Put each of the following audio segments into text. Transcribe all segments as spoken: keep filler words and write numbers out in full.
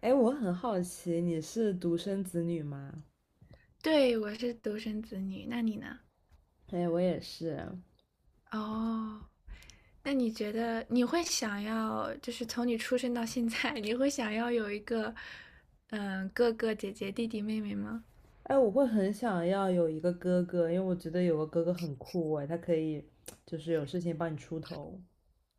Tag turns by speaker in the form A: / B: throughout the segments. A: 哎，我很好奇，你是独生子女吗？
B: 对，我是独生子女，那你呢？
A: 哎，我也是。
B: 哦，那你觉得你会想要，就是从你出生到现在，你会想要有一个，嗯，哥哥、姐姐、弟弟、妹妹吗？
A: 哎，我会很想要有一个哥哥，因为我觉得有个哥哥很酷哎，他可以就是有事情帮你出头。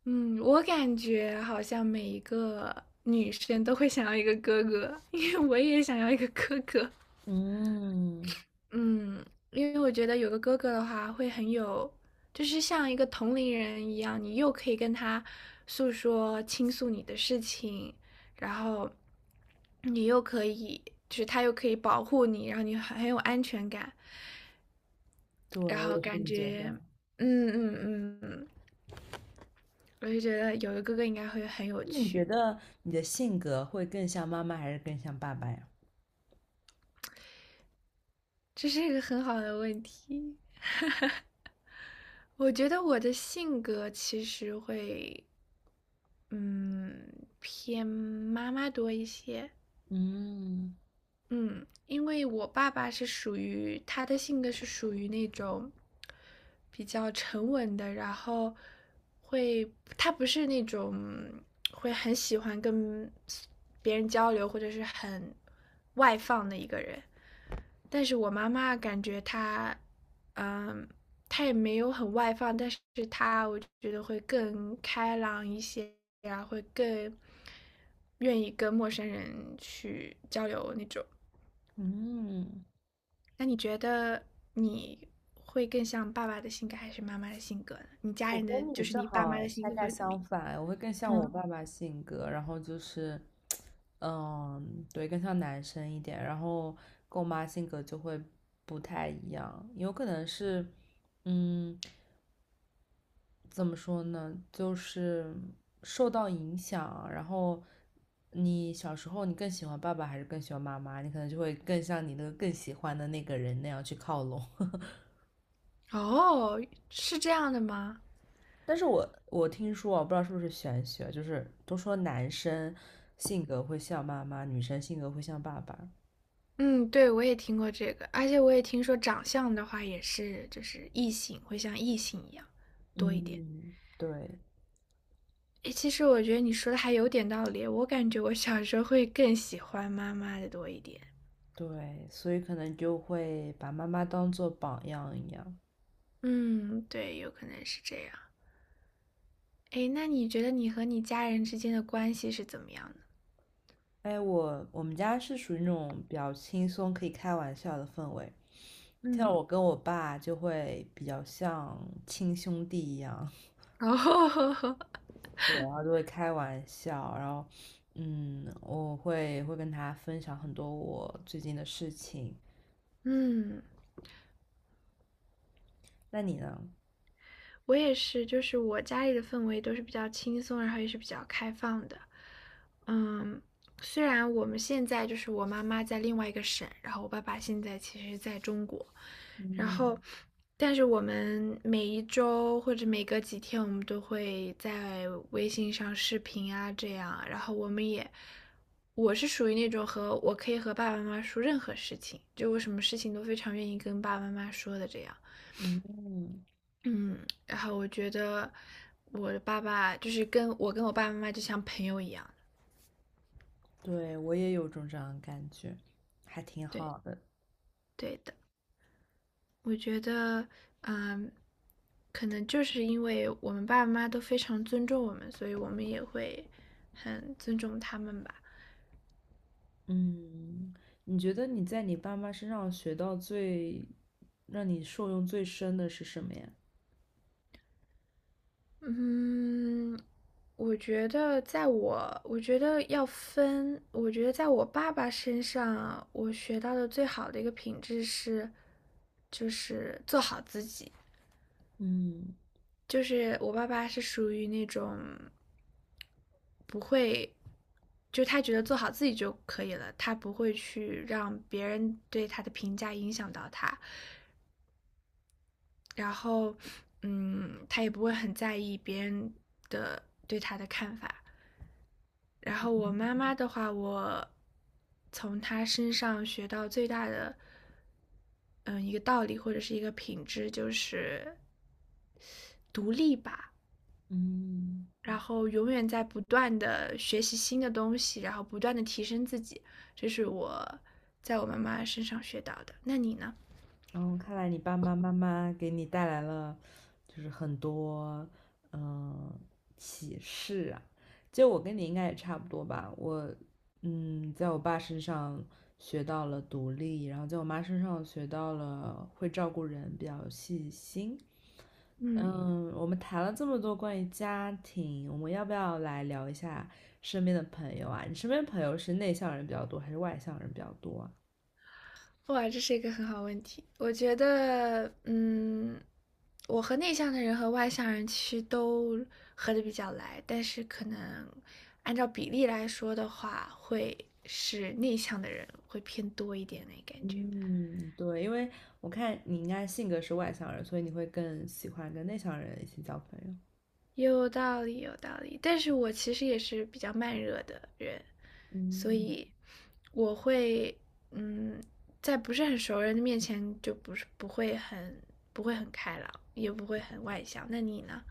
B: 嗯，我感觉好像每一个女生都会想要一个哥哥，因为我也想要一个哥哥。
A: 嗯，
B: 嗯，因为我觉得有个哥哥的话，会很有，就是像一个同龄人一样，你又可以跟他诉说、倾诉你的事情，然后你又可以，就是他又可以保护你，然后你很很有安全感，
A: 对，
B: 然
A: 我
B: 后
A: 也是这
B: 感
A: 么觉
B: 觉，
A: 得。
B: 嗯嗯嗯嗯，我就觉得有个哥哥应该会很有
A: 那你觉
B: 趣，
A: 得你的性格会更像妈妈还是更像爸爸呀？
B: 这是一个很好的问题。我觉得我的性格其实会。嗯，偏妈妈多一些。
A: 嗯
B: 嗯，因为我爸爸是属于他的性格是属于那种比较沉稳的，然后会他不是那种会很喜欢跟别人交流或者是很外放的一个人。但是我妈妈感觉她，嗯，她也没有很外放，但是她我觉得会更开朗一些呀，会更愿意跟陌生人去交流那种。
A: 嗯，
B: 那你觉得你会更像爸爸的性格还是妈妈的性格呢？你家
A: 我
B: 人的
A: 跟你
B: 就是
A: 正
B: 你爸妈
A: 好
B: 的性
A: 恰
B: 格
A: 恰
B: 会怎么
A: 相
B: 样？
A: 反，我会更像我
B: 嗯，
A: 爸爸性格，然后就是，嗯，对，更像男生一点，然后跟我妈性格就会不太一样，有可能是，嗯，怎么说呢，就是受到影响，然后你小时候你更喜欢爸爸还是更喜欢妈妈，你可能就会更像你那个更喜欢的那个人那样去靠拢。
B: 哦，是这样的吗？
A: 但是我我听说啊我不知道是不是玄学，就是都说男生性格会像妈妈，女生性格会像爸爸。
B: 嗯，对，我也听过这个，而且我也听说长相的话也是，就是异性会像异性一样多一点。
A: 嗯，对
B: 诶，其实我觉得你说的还有点道理，我感觉我小时候会更喜欢妈妈的多一点。
A: 对，所以可能就会把妈妈当做榜样一样。
B: 嗯，对，有可能是这样。诶，那你觉得你和你家人之间的关系是怎么样的？
A: 哎，我我们家是属于那种比较轻松可以开玩笑的氛围，像
B: 嗯。
A: 我跟我爸就会比较像亲兄弟一样，
B: 哦，
A: 对，然后就会开玩笑，然后嗯，我会会跟他分享很多我最近的事情。
B: 嗯，
A: 那你呢？
B: 我也是，就是我家里的氛围都是比较轻松，然后也是比较开放的。嗯，虽然我们现在就是我妈妈在另外一个省，然后我爸爸现在其实在中国，然
A: 嗯
B: 后，但是我们每一周或者每隔几天，我们都会在微信上视频啊，这样，然后我们也，我是属于那种和我可以和爸爸妈妈说任何事情，就我什么事情都非常愿意跟爸爸妈妈说的这样。
A: 嗯，
B: 嗯，然后我觉得我的爸爸就是跟我跟我爸爸妈妈就像朋友一样
A: 对，我也有种这样的感觉，还挺
B: 对
A: 好的。
B: 对的，我觉得嗯，可能就是因为我们爸爸妈妈都非常尊重我们，所以我们也会很尊重他们吧。
A: 嗯，你觉得你在你爸妈身上学到最，让你受用最深的是什么呀？
B: 嗯，我觉得在我，我觉得要分，我觉得在我爸爸身上，我学到的最好的一个品质是，就是做好自己。
A: 嗯
B: 就是我爸爸是属于那种不会，就他觉得做好自己就可以了，他不会去让别人对他的评价影响到他，然后，嗯，他也不会很在意别人的对。然后我妈妈的话，我从她身上学到最大的，嗯，一个道理或者是一个品质就是独立吧。
A: 嗯。
B: 然后永远在不断的学习新的东西，然后不断的提升自己，这是我在我妈妈身上学到的。那你呢？
A: 嗯，看来你爸爸妈妈给你带来了，就是很多嗯启示啊。就我跟你应该也差不多吧，我嗯，在我爸身上学到了独立，然后在我妈身上学到了会照顾人，比较细心。
B: 嗯，
A: 嗯，我们谈了这么多关于家庭，我们要不要来聊一下身边的朋友啊？你身边朋友是内向人比较多，还是外向人比较多啊？
B: 哇，这是一个很好问题。我觉得，嗯，我和内向的人和外向人其实都合的比较来，但是可能按照比例来说的话，会是内向的人会偏多一点那感觉。
A: 嗯，对，因为我看你应该性格是外向人，所以你会更喜欢跟内向人一起交朋友。
B: 有道理，有道理。但是我其实也是比较慢热的人，所
A: 嗯，
B: 以我会，嗯，在不是很熟人的面前就不是不会很不会很开朗，也不会很外向。那你呢？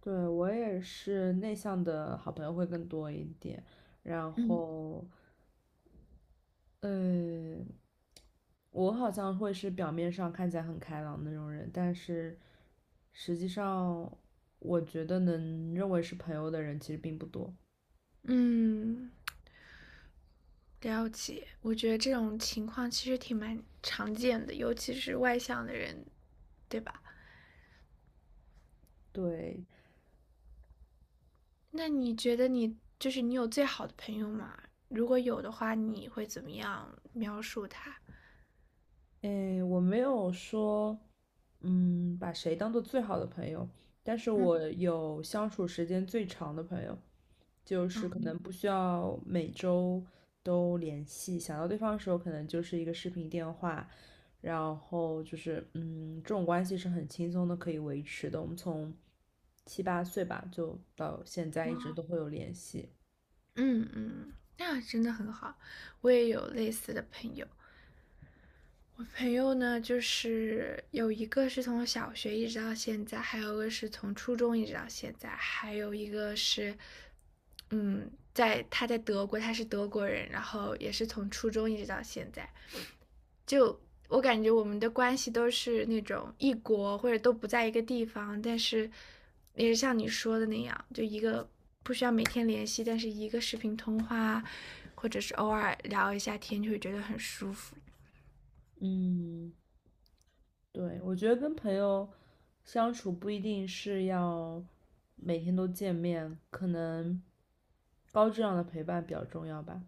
A: 对，我也是内向的好朋友会更多一点，然
B: 嗯
A: 后，呃，我好像会是表面上看起来很开朗的那种人，但是实际上，我觉得能认为是朋友的人其实并不多。
B: 嗯，了解。我觉得这种情况其实挺蛮常见的，尤其是外向的人，对吧？
A: 对，
B: 那你觉得你就是你有最好的朋友吗？如果有的话，你会怎么样描述他？
A: 诶，我没有说，嗯，把谁当做最好的朋友？但是
B: 嗯。
A: 我有相处时间最长的朋友，就是可
B: 嗯
A: 能不需要每周都联系，想到对方的时候，可能就是一个视频电话，然后就是嗯，这种关系是很轻松的可以维持的。我们从七八岁吧，就到现在一直
B: 哇
A: 都会有联系。
B: 嗯嗯，那真的很好。我也有类似的朋友，我朋友呢，就是有一个是从小学一直到现在，还有一个是从初中一直到现在，还有一个是，嗯，在他在德国，他是德国人，然后也是从初中一直到现在。就我感觉我们的关系都是那种异国或者都不在一个地方，但是也是像你说的那样，就一个不需要每天联系，但是一个视频通话，或者是偶尔聊一下天，就会觉得很舒服。
A: 嗯，对，我觉得跟朋友相处不一定是要每天都见面，可能高质量的陪伴比较重要吧。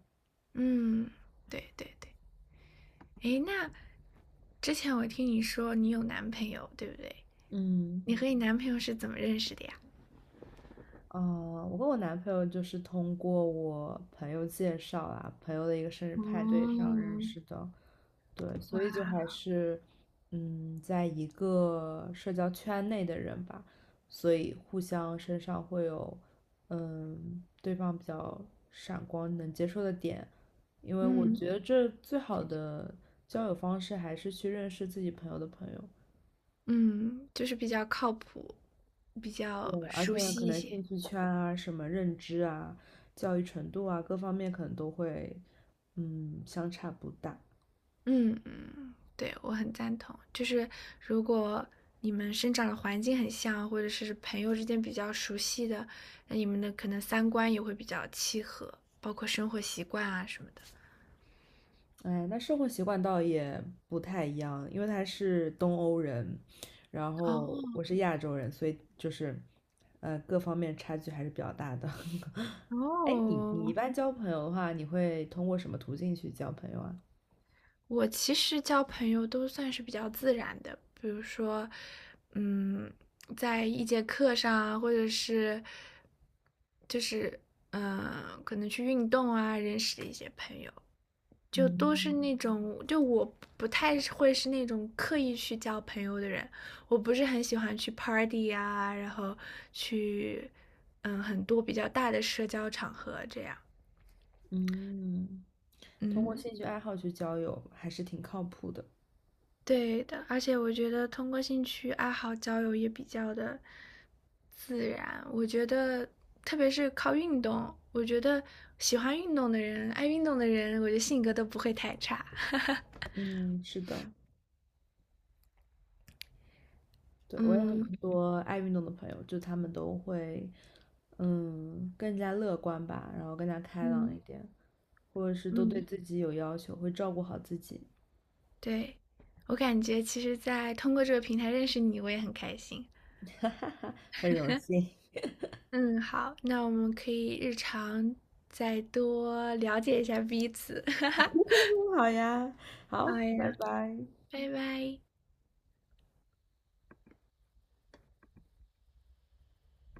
B: 嗯，对对对。诶，那之前我听你说你有男朋友，对不对？
A: 嗯
B: 你和你男朋友是怎么认识的呀？
A: 啊，我跟我男朋友就是通过我朋友介绍啊，朋友的一个生日派对上认
B: 嗯，
A: 识的。对，所以就还是，嗯，在一个社交圈内的人吧，所以互相身上会有，嗯，对方比较闪光能接受的点，因为我觉
B: 嗯
A: 得这最好的交友方式还是去认识自己朋友的朋友。
B: 嗯，就是比较靠谱，比较
A: 对，而且
B: 熟
A: 可
B: 悉一
A: 能
B: 些。
A: 兴趣圈啊、什么认知啊、教育程度啊各方面可能都会，嗯，相差不大。
B: 嗯嗯，对，我很赞同。就是如果你们生长的环境很像，或者是朋友之间比较熟悉的，那你们的可能三观也会比较契合，包括生活习惯啊什么的。
A: 哎，那生活习惯倒也不太一样，因为他是东欧人，然后
B: 哦
A: 我是亚洲人，所以就是，呃，各方面差距还是比较大的。哎，你你一
B: 哦，
A: 般交朋友的话，你会通过什么途径去交朋友啊？
B: 我其实交朋友都算是比较自然的，比如说，嗯，在一节课上啊，或者是就是嗯、呃可能去运动啊，认识的一些朋友，就都是
A: 嗯
B: 那种，就我不太会是那种刻意去交朋友的人，我不是很喜欢去 party 啊，然后去嗯很多比较大的社交场合这样，
A: 嗯，通过
B: 嗯。
A: 兴趣爱好去交友还是挺靠谱的。
B: 对的，而且我觉得通过兴趣爱好交友也比较的自然。我觉得，特别是靠运动，我觉得喜欢运动的人、爱运动的人，我觉得性格都不会太差。
A: 嗯，是的，对，我有很
B: 嗯
A: 多爱运动的朋友，就他们都会，嗯，更加乐观吧，然后更加开朗一
B: 嗯
A: 点。或者是都对
B: 嗯，
A: 自己有要求，会照顾好自己。
B: 对，我感觉其实，在通过这个平台认识你，我也很开心。
A: 哈哈哈，很荣幸。
B: 嗯，好，那我们可以日常再多了解一下彼此。
A: 好呀，
B: 好
A: 好，
B: 呀，
A: 拜拜。
B: 拜拜。